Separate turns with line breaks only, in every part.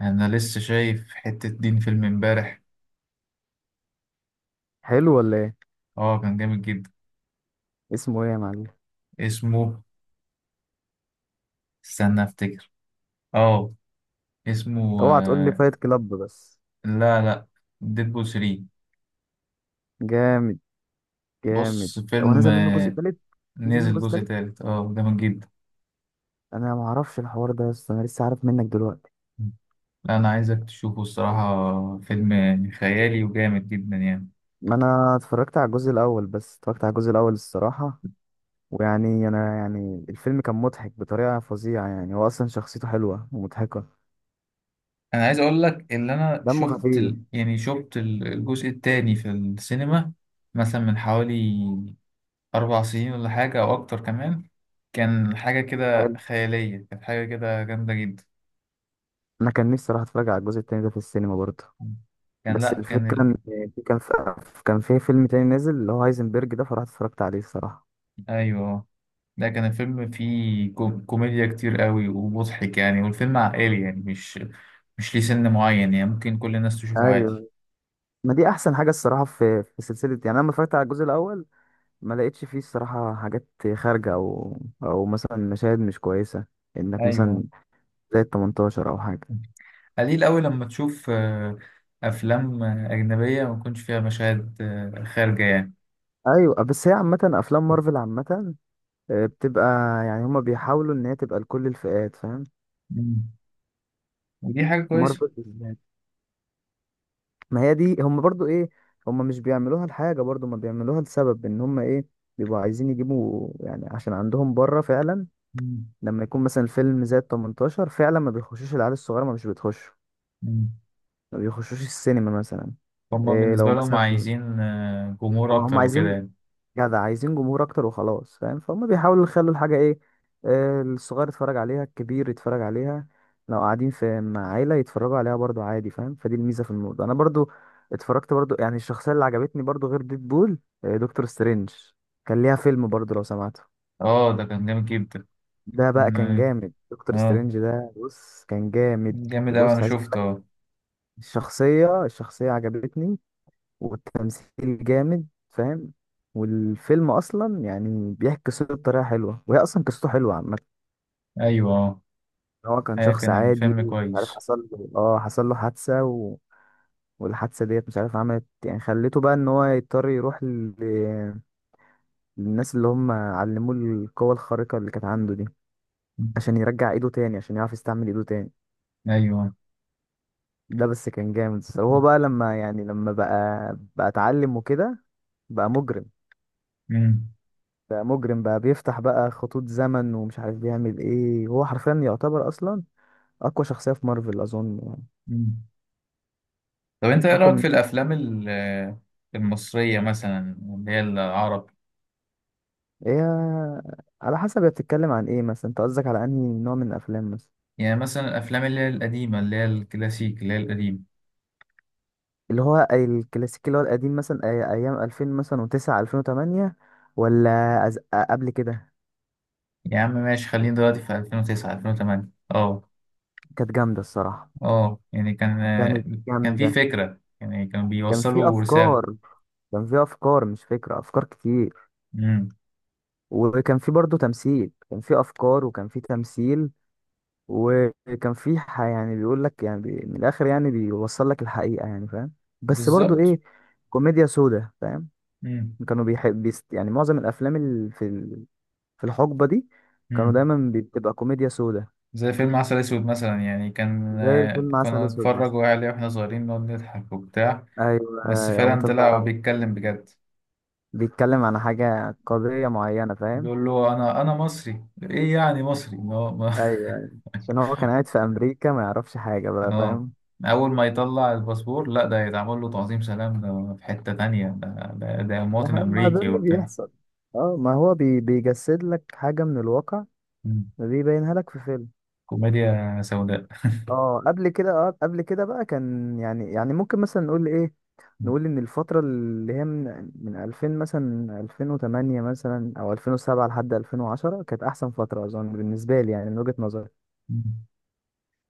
انا لسه شايف حتة دين فيلم امبارح.
حلو ولا ايه؟
اه، كان جامد جدا.
اسمه ايه يا معلم؟
اسمه، استنى افتكر. اه اسمه
اوعى تقول لي
آه،
فايت كلاب بس.
لا لا، ديدبول 3.
جامد. جامد.
بص
هو
فيلم.
نزل منه جزء تالت؟ نزل منه
نزل
جزء
جزء
تالت.
تالت، اه، جامد جدا.
انا ما اعرفش الحوار ده، بس انا لسه عارف منك دلوقتي.
لا، انا عايزك تشوفه الصراحة، فيلم خيالي وجامد جدا يعني.
ما انا اتفرجت على الجزء الاول، بس اتفرجت على الجزء الاول الصراحه. ويعني انا يعني الفيلم كان مضحك بطريقه فظيعه، يعني هو اصلا شخصيته حلوه ومضحكه.
انا عايز اقول لك ان انا
دمه خفيف.
يعني الجزء التاني في السينما، مثلا من حوالي 4 سنين ولا حاجة أو أكتر كمان. كان حاجة كده
حلو.
خيالية، كانت حاجة كده جامدة جدا.
انا كان نفسي اروح اتفرج على الجزء التاني ده في السينما برضه،
كان
بس
لأ كان
الفكره ان في فيلم تاني نازل اللي هو هايزنبرج ده، فرحت اتفرجت عليه الصراحه.
أيوه. لا، كان الفيلم فيه كوميديا كتير قوي ومضحك يعني، والفيلم عائلي يعني، مش ليه سن معين يعني، ممكن كل الناس تشوفه عادي.
ايوه. ما دي احسن حاجه الصراحه في سلسله، يعني انا لما اتفرجت على الجزء الاول ما لقيتش فيه الصراحه حاجات خارجه، او او مثلا مشاهد مش كويسه، انك
أيوه.
مثلا زي ال 18 او حاجه.
قليل قوي لما تشوف أفلام أجنبية ما يكونش فيها مشاهد خارجة يعني.
ايوه، بس هي عامه افلام مارفل عامه بتبقى، يعني هما بيحاولوا ان هي تبقى لكل الفئات، فاهم؟
مم. ودي حاجة كويسة.
مارفل بالذات. ما هي دي، هما برضو ايه، هما مش بيعملوها لحاجه، برضو ما بيعملوها لسبب، ان هما ايه، بيبقوا عايزين يجيبوا يعني، عشان عندهم بره فعلا
مم.
لما يكون مثلا الفيلم زاد 18 فعلا ما بيخشوش العيال الصغيره، ما مش بتخش،
مم.
ما بيخشوش السينما مثلا.
هما
إيه لو
بالنسبة لهم
مثلا
عايزين جمهور
هم
أكتر وكده
عايزين،
يعني.
جدع عايزين جمهور اكتر وخلاص، فاهم؟ فهم بيحاولوا يخلوا الحاجه ايه، الصغير يتفرج عليها، الكبير يتفرج عليها، لو قاعدين في مع عيله يتفرجوا عليها برضو عادي، فاهم؟ فدي الميزه في الموضوع. انا برضو اتفرجت برضو، يعني الشخصيه اللي عجبتني برضو غير ديدبول دكتور سترينج، كان ليها فيلم برضو لو سمعته.
اه، ده كان جامد جدا.
ده بقى كان
م-
جامد، دكتور
اه،
سترينج ده بص كان جامد.
جامد أوي أنا
بص عايز اقول
شفته،
لك،
اه.
الشخصيه عجبتني، والتمثيل جامد، فاهم؟ والفيلم اصلا يعني بيحكي قصته بطريقه حلوه، وهي اصلا قصته حلوه عامه.
أيوه. اه،
إن هو كان
هي
شخص
كان
عادي
الفيلم
ومش عارف
كويس.
حصل له إيه، اه حصل له حادثه والحادثه ديت مش عارف عملت يعني، خليته بقى ان هو يضطر يروح للناس اللي هم علموه القوه الخارقه اللي كانت عنده دي،
م-
عشان يرجع ايده تاني، عشان يعرف يستعمل ايده تاني.
أيوه.
ده بس كان جامد. هو بقى لما يعني لما بقى بقى اتعلم وكده، بقى مجرم.
مم.
ده مجرم بقى، بيفتح بقى خطوط زمن، ومش عارف بيعمل ايه، هو حرفيا يعتبر اصلا اقوى شخصية في مارفل اظن يعني.
مم. طب أنت إيه
اقوى
رأيك
من
في الأفلام المصرية، مثلا اللي هي العرب؟
ايه؟ على حسب هي بتتكلم عن ايه مثلا، انت قصدك على انهي نوع من الافلام مثلا؟
يعني مثلا الأفلام اللي هي القديمة، اللي هي الكلاسيك، اللي هي القديمة.
اللي هو الكلاسيكي اللي هو القديم مثلا، ايام 2000 مثلا و9 2008، ولا قبل كده؟
يا عم ماشي، خلينا دلوقتي في 2009 2008. اه،
كانت جامدة الصراحة.
اه، يعني كان
كانت
كان في
جامدة.
فكرة يعني، كانوا
كان في
بيوصلوا رسالة.
افكار، كان في مش فكرة، افكار كتير،
امم.
وكان في برضه تمثيل، كان في افكار وكان في تمثيل. وكان في يعني بيقول لك يعني، من الاخر يعني بيوصل لك الحقيقه يعني، فاهم؟ بس برضو
بالظبط.
ايه، كوميديا سودا، فاهم؟
امم.
كانوا بيحب بيست، يعني معظم الافلام اللي في الحقبه دي كانوا
امم.
دايما بتبقى كوميديا سودا.
زي فيلم عسل اسود مثلا، يعني كان
زي فيلم عسل
كنا
اسود
نتفرج
مثلا.
عليه واحنا صغيرين نقعد نضحك وبتاع.
ايوه.
بس
او
فعلا
انت
طلع هو
بتعرف،
بيتكلم بجد.
بيتكلم عن حاجه، قضيه معينه، فاهم؟
بيقول له انا مصري، ايه يعني مصري إن هو ما.
ايوه، أيوه. عشان هو كان قاعد في امريكا، ما يعرفش حاجه بقى،
اه.
فاهم؟
اول ما يطلع الباسبور، لا، ده يتعمل له تعظيم سلام، ده في حتة تانية، ده
ده
مواطن
حقيقي، ما ده
امريكي
اللي
وبتاع.
بيحصل. اه ما هو بيجسد لك حاجه من الواقع،
مم.
بيبينها لك في فيلم.
كوميديا سوداء.
اه قبل كده، اه قبل كده بقى كان يعني، يعني ممكن مثلا نقول ايه،
مم.
نقول ان الفترة اللي هي من 2000 مثلا 2008 مثلا او 2007 لحد 2010 كانت احسن فترة اظن بالنسبة لي، يعني من وجهة نظري.
مم.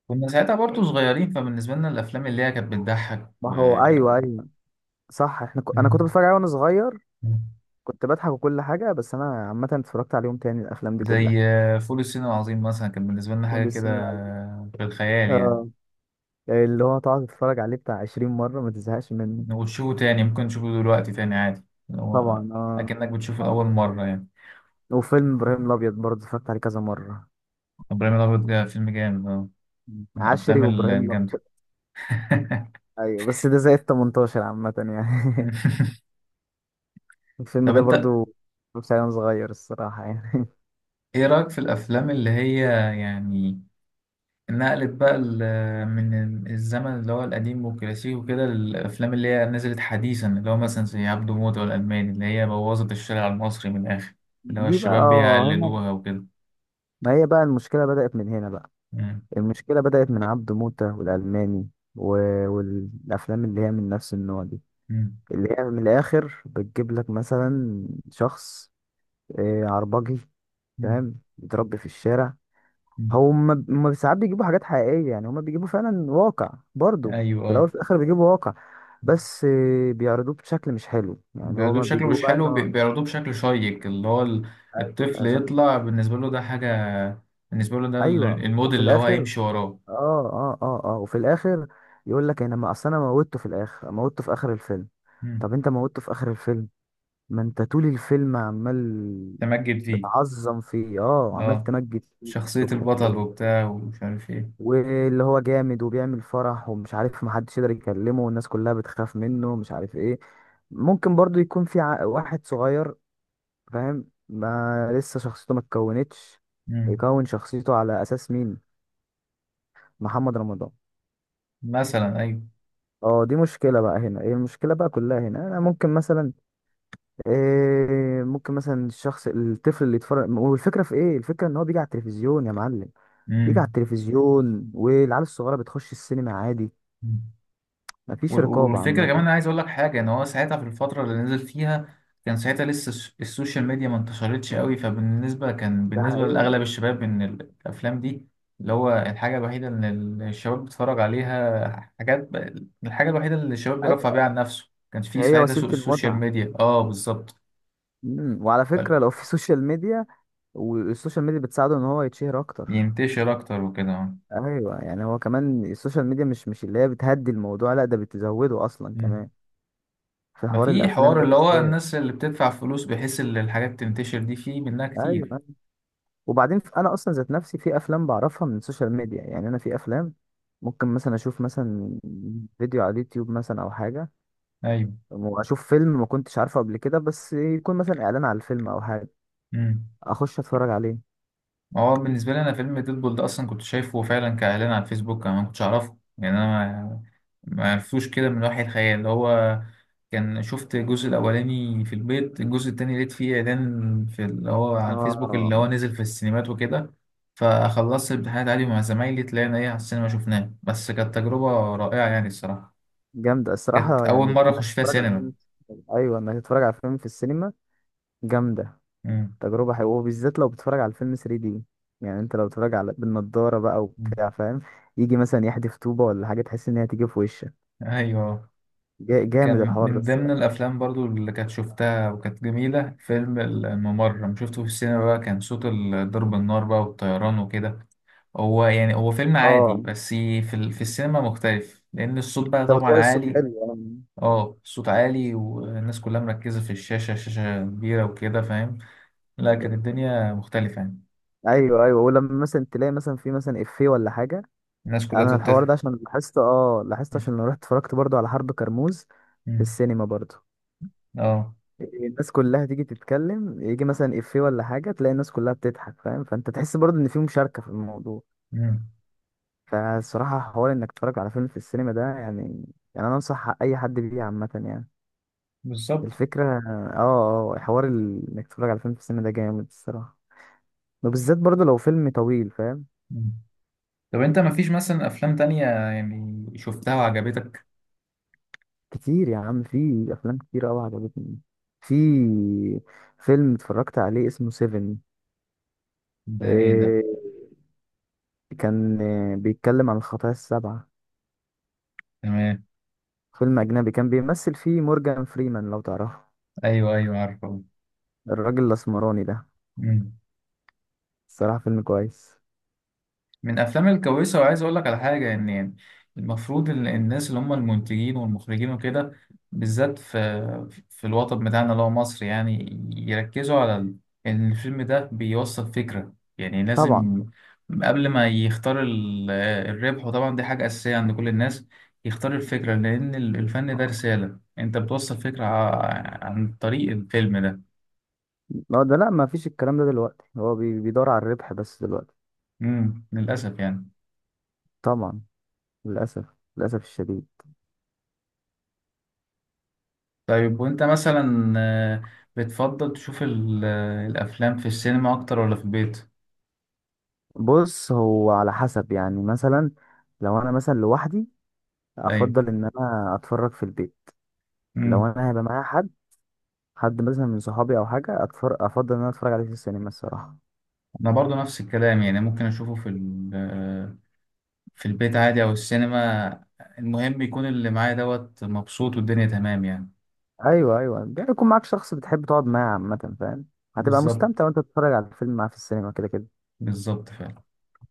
كنا ساعتها برضو صغيرين، فبالنسبة لنا الافلام اللي هي كانت بتضحك
ما هو ايوه ايوه، صح، احنا انا كنت
مم.
بتفرج عليه وانا صغير،
مم.
كنت بضحك وكل حاجة، بس انا عامة اتفرجت عليهم تاني الافلام دي كلها،
زي فول الصين العظيم مثلا، كان بالنسبة لنا
كل
حاجة كده
السنين عليه.
في الخيال يعني.
اه، اللي هو تقعد تتفرج عليه بتاع 20 مرة ما تزهقش منه.
وتشوفه تاني، ممكن تشوفه دلوقتي تاني عادي، اللي هو
طبعا اه.
أكنك بتشوفه
طبعا.
لأول مرة يعني.
وفيلم ابراهيم الابيض برضه اتفرجت عليه كذا مرة.
إبراهيم الأبيض ده فيلم جامد، من
عشري
الأفلام
وابراهيم الابيض،
الجامدة.
ايوه، بس ده زائد 18 عامة يعني. الفيلم
طب
ده
أنت
برضو مش عيل صغير الصراحة يعني.
إيه رأيك في الأفلام اللي هي، يعني نقلب بقى من الزمن اللي هو القديم والكلاسيكي وكده للأفلام اللي هي نزلت حديثا، اللي هو مثلا زي عبده موتة والألماني، اللي هي بوظت الشارع المصري من الآخر، اللي هو
دي بقى
الشباب
اه هنا.
بيقلدوها وكده.
ما هي بقى المشكلة بدأت من هنا بقى.
مم.
المشكلة بدأت من عبده موتة والألماني، و... والأفلام اللي هي من نفس النوع دي،
مم.
اللي هي من الآخر بتجيب لك مثلا شخص عربجي،
مم.
فاهم؟ بيتربي في الشارع.
مم.
هم ساعات بيجيبوا حاجات حقيقية، يعني هم بيجيبوا فعلا واقع برضو،
أيوه،
في الأول
آه.
وفي الآخر بيجيبوا واقع، بس بيعرضوه بشكل مش حلو، يعني
بيعرضوه
هما
بشكله
بيجيبوه
مش
بقى إن
حلو،
هو
بيعرضوه بشكل شيق، اللي هو الطفل
أيوة شكل.
يطلع بالنسبة له ده حاجة، بالنسبة له ده
أيوه
الموديل
وفي
اللي هو
الآخر،
هيمشي وراه.
وفي الآخر يقول لك أنا ما أصل أنا موتته في الآخر، موتته في آخر الفيلم.
مم.
طب أنت موتته في آخر الفيلم، ما أنت طول الفيلم عمال
تمجد فيه.
بتعظم فيه، آه عمال
اه،
تمجد فيه
شخصية
الصبح في
البطل
أول،
وبتاع ومش عارف
واللي هو جامد وبيعمل فرح ومش عارف، محدش يقدر يكلمه والناس كلها بتخاف منه ومش عارف ايه. ممكن برضو يكون في واحد صغير فاهم، ما لسه شخصيته ما اتكونتش،
ايه،
يكون شخصيته على اساس مين؟ محمد رمضان
مثلا. ايوه.
اه، دي مشكلة بقى هنا، ايه المشكلة بقى كلها هنا؟ انا ممكن مثلا إيه، ممكن مثلا الشخص الطفل اللي يتفرج، والفكرة في ايه الفكرة؟ ان هو بيجي على التلفزيون يا معلم، بيجي على
امم.
التلفزيون، والعيال الصغيرة بتخش السينما عادي، مفيش رقابة
والفكره
عامة.
كمان، انا عايز اقول لك حاجه، ان هو ساعتها في الفتره اللي نزل فيها كان ساعتها لسه السوشيال ميديا ما انتشرتش قوي، فبالنسبه كان
ده
بالنسبه
حقيقي.
لاغلب الشباب ان الافلام دي اللي هو الحاجه الوحيده ان الشباب بيتفرج عليها حاجات، الحاجه الوحيده اللي الشباب بيرفع
ايوه،
بيها عن نفسه. ما كانش فيه
هي
ساعتها
وسيله
سوق السوشيال
المتعه.
ميديا، اه، بالظبط.
امم، وعلى فكره لو في سوشيال ميديا، والسوشيال ميديا بتساعده ان هو يتشهر اكتر.
ينتشر اكتر وكده، اه.
ايوه، يعني هو كمان السوشيال ميديا مش اللي هي بتهدي الموضوع، لا ده بتزوده اصلا
مم.
كمان في
ما
حوار
في
الافلام
حوار
ده
اللي هو
بالذات.
الناس اللي بتدفع فلوس بحيث ان الحاجات تنتشر دي فيه منها كتير.
ايوه، وبعدين انا اصلا ذات نفسي في افلام بعرفها من السوشيال ميديا، يعني انا في افلام ممكن مثلا اشوف مثلا فيديو على اليوتيوب مثلا او حاجه،
ايوه.
واشوف فيلم ما كنتش عارفه قبل كده، بس يكون مثلا اعلان على الفيلم او حاجه،
امم.
اخش اتفرج عليه.
هو بالنسبه لي انا فيلم ديدبول ده اصلا كنت شايفه فعلا كاعلان على الفيسبوك، انا ما كنتش اعرفه يعني، انا ما عرفتوش كده من وحي الخيال، اللي هو كان شفت الجزء الاولاني في البيت، الجزء التاني لقيت فيه اعلان في اللي هو على الفيسبوك،
اه
اللي هو نزل في السينمات وكده. فخلصت الامتحانات عادي مع زمايلي، طلعنا ايه على السينما شفناه، بس كانت تجربه رائعه يعني الصراحه.
جامدة
كانت
الصراحة يعني،
اول
انك
مره اخش فيها
تتفرج على
سينما.
فيلم، ايوه انك تتفرج على فيلم في السينما، جامدة.
امم.
تجربة حلوة، وبالذات لو بتتفرج على الفيلم 3 دي، يعني انت لو بتتفرج على بالنضارة بقى وبتاع فاهم، يجي مثلا يحدف طوبة ولا حاجة تحس ان هي تيجي في وشك.
ايوه.
جامد
كان
الحوار ده
من ضمن
الصراحة.
الافلام برضو اللي كانت شفتها وكانت جميله فيلم الممر، لما شفته في السينما بقى كان صوت ضرب النار بقى والطيران وكده. هو يعني هو فيلم عادي،
اه،
بس في السينما مختلف لان الصوت بقى
توزيع
طبعا
الصوت
عالي.
حلو يعني.
اه، الصوت عالي والناس كلها مركزه في الشاشه، شاشه كبيره وكده، فاهم. لا، كانت الدنيا مختلفه يعني،
ايوه ايوه، ولما مثلا تلاقي مثلا في مثلا افيه ولا حاجة.
الناس كلها
انا الحوار ده
تضحك.
عشان لاحظته، اه لاحظته عشان لما رحت اتفرجت برضو على حرب كرموز في السينما برضو،
اه.
الناس كلها تيجي تتكلم، يجي مثلا افيه ولا حاجه تلاقي الناس كلها بتضحك، فاهم؟ فانت تحس برضه ان في مشاركه في الموضوع.
مم.
فالصراحه حوار انك تتفرج على فيلم في السينما ده يعني، يعني انا انصح اي حد بيه عامه يعني،
بالظبط.
الفكره اه، اه حوار انك تتفرج على فيلم في السينما ده جامد الصراحه، وبالذات برضه لو فيلم طويل، فاهم؟
مم. طب انت مفيش مثلا افلام تانية يعني شفتها وعجبتك؟
كتير يا عم، في افلام كتير قوي عجبتني، في فيلم اتفرجت عليه اسمه سيفن.
ده ايه ده؟
إيه، كان بيتكلم عن الخطايا السبعة.
تمام.
فيلم أجنبي كان بيمثل فيه مورجان فريمان لو تعرفه،
ايوه ايوه عارفه.
الراجل الأسمراني ده.
مم.
الصراحة فيلم كويس.
من افلام الكويسه، وعايز اقول لك على حاجه، ان يعني المفروض الناس اللي هم المنتجين والمخرجين وكده، بالذات في الوطن بتاعنا اللي هو مصر، يعني يركزوا على ان الفيلم ده بيوصل فكره يعني،
طبعا
لازم قبل ما يختار الربح، وطبعا دي حاجه اساسيه عند كل الناس، يختار الفكره، لان الفن ده رساله، انت بتوصل فكره عن طريق الفيلم ده.
اه، ده لا ما فيش الكلام ده دلوقتي، هو بيدور على الربح بس دلوقتي.
مم. للاسف يعني.
طبعا، للأسف، للأسف الشديد.
طيب، وانت مثلا، بتفضل تشوف الافلام في السينما اكتر ولا في البيت؟
بص هو على حسب يعني، مثلا لو أنا مثلا لوحدي
ايوه.
أفضل إن أنا أتفرج في البيت، لو
امم.
أنا هيبقى معايا حد، حد مثلا من صحابي أو حاجة أتفرج، أفضل إن أنا أتفرج عليه في السينما الصراحة.
انا برضو نفس الكلام يعني، ممكن اشوفه في ال- آه، في البيت عادي او السينما، المهم يكون اللي معايا دوت مبسوط والدنيا تمام يعني.
ايوه ايوه، يعني يكون معاك شخص بتحب تقعد معاه عامة، فاهم؟ هتبقى
بالظبط.
مستمتع وانت بتتفرج على الفيلم معاه في السينما، كده كده.
بالظبط فعلا.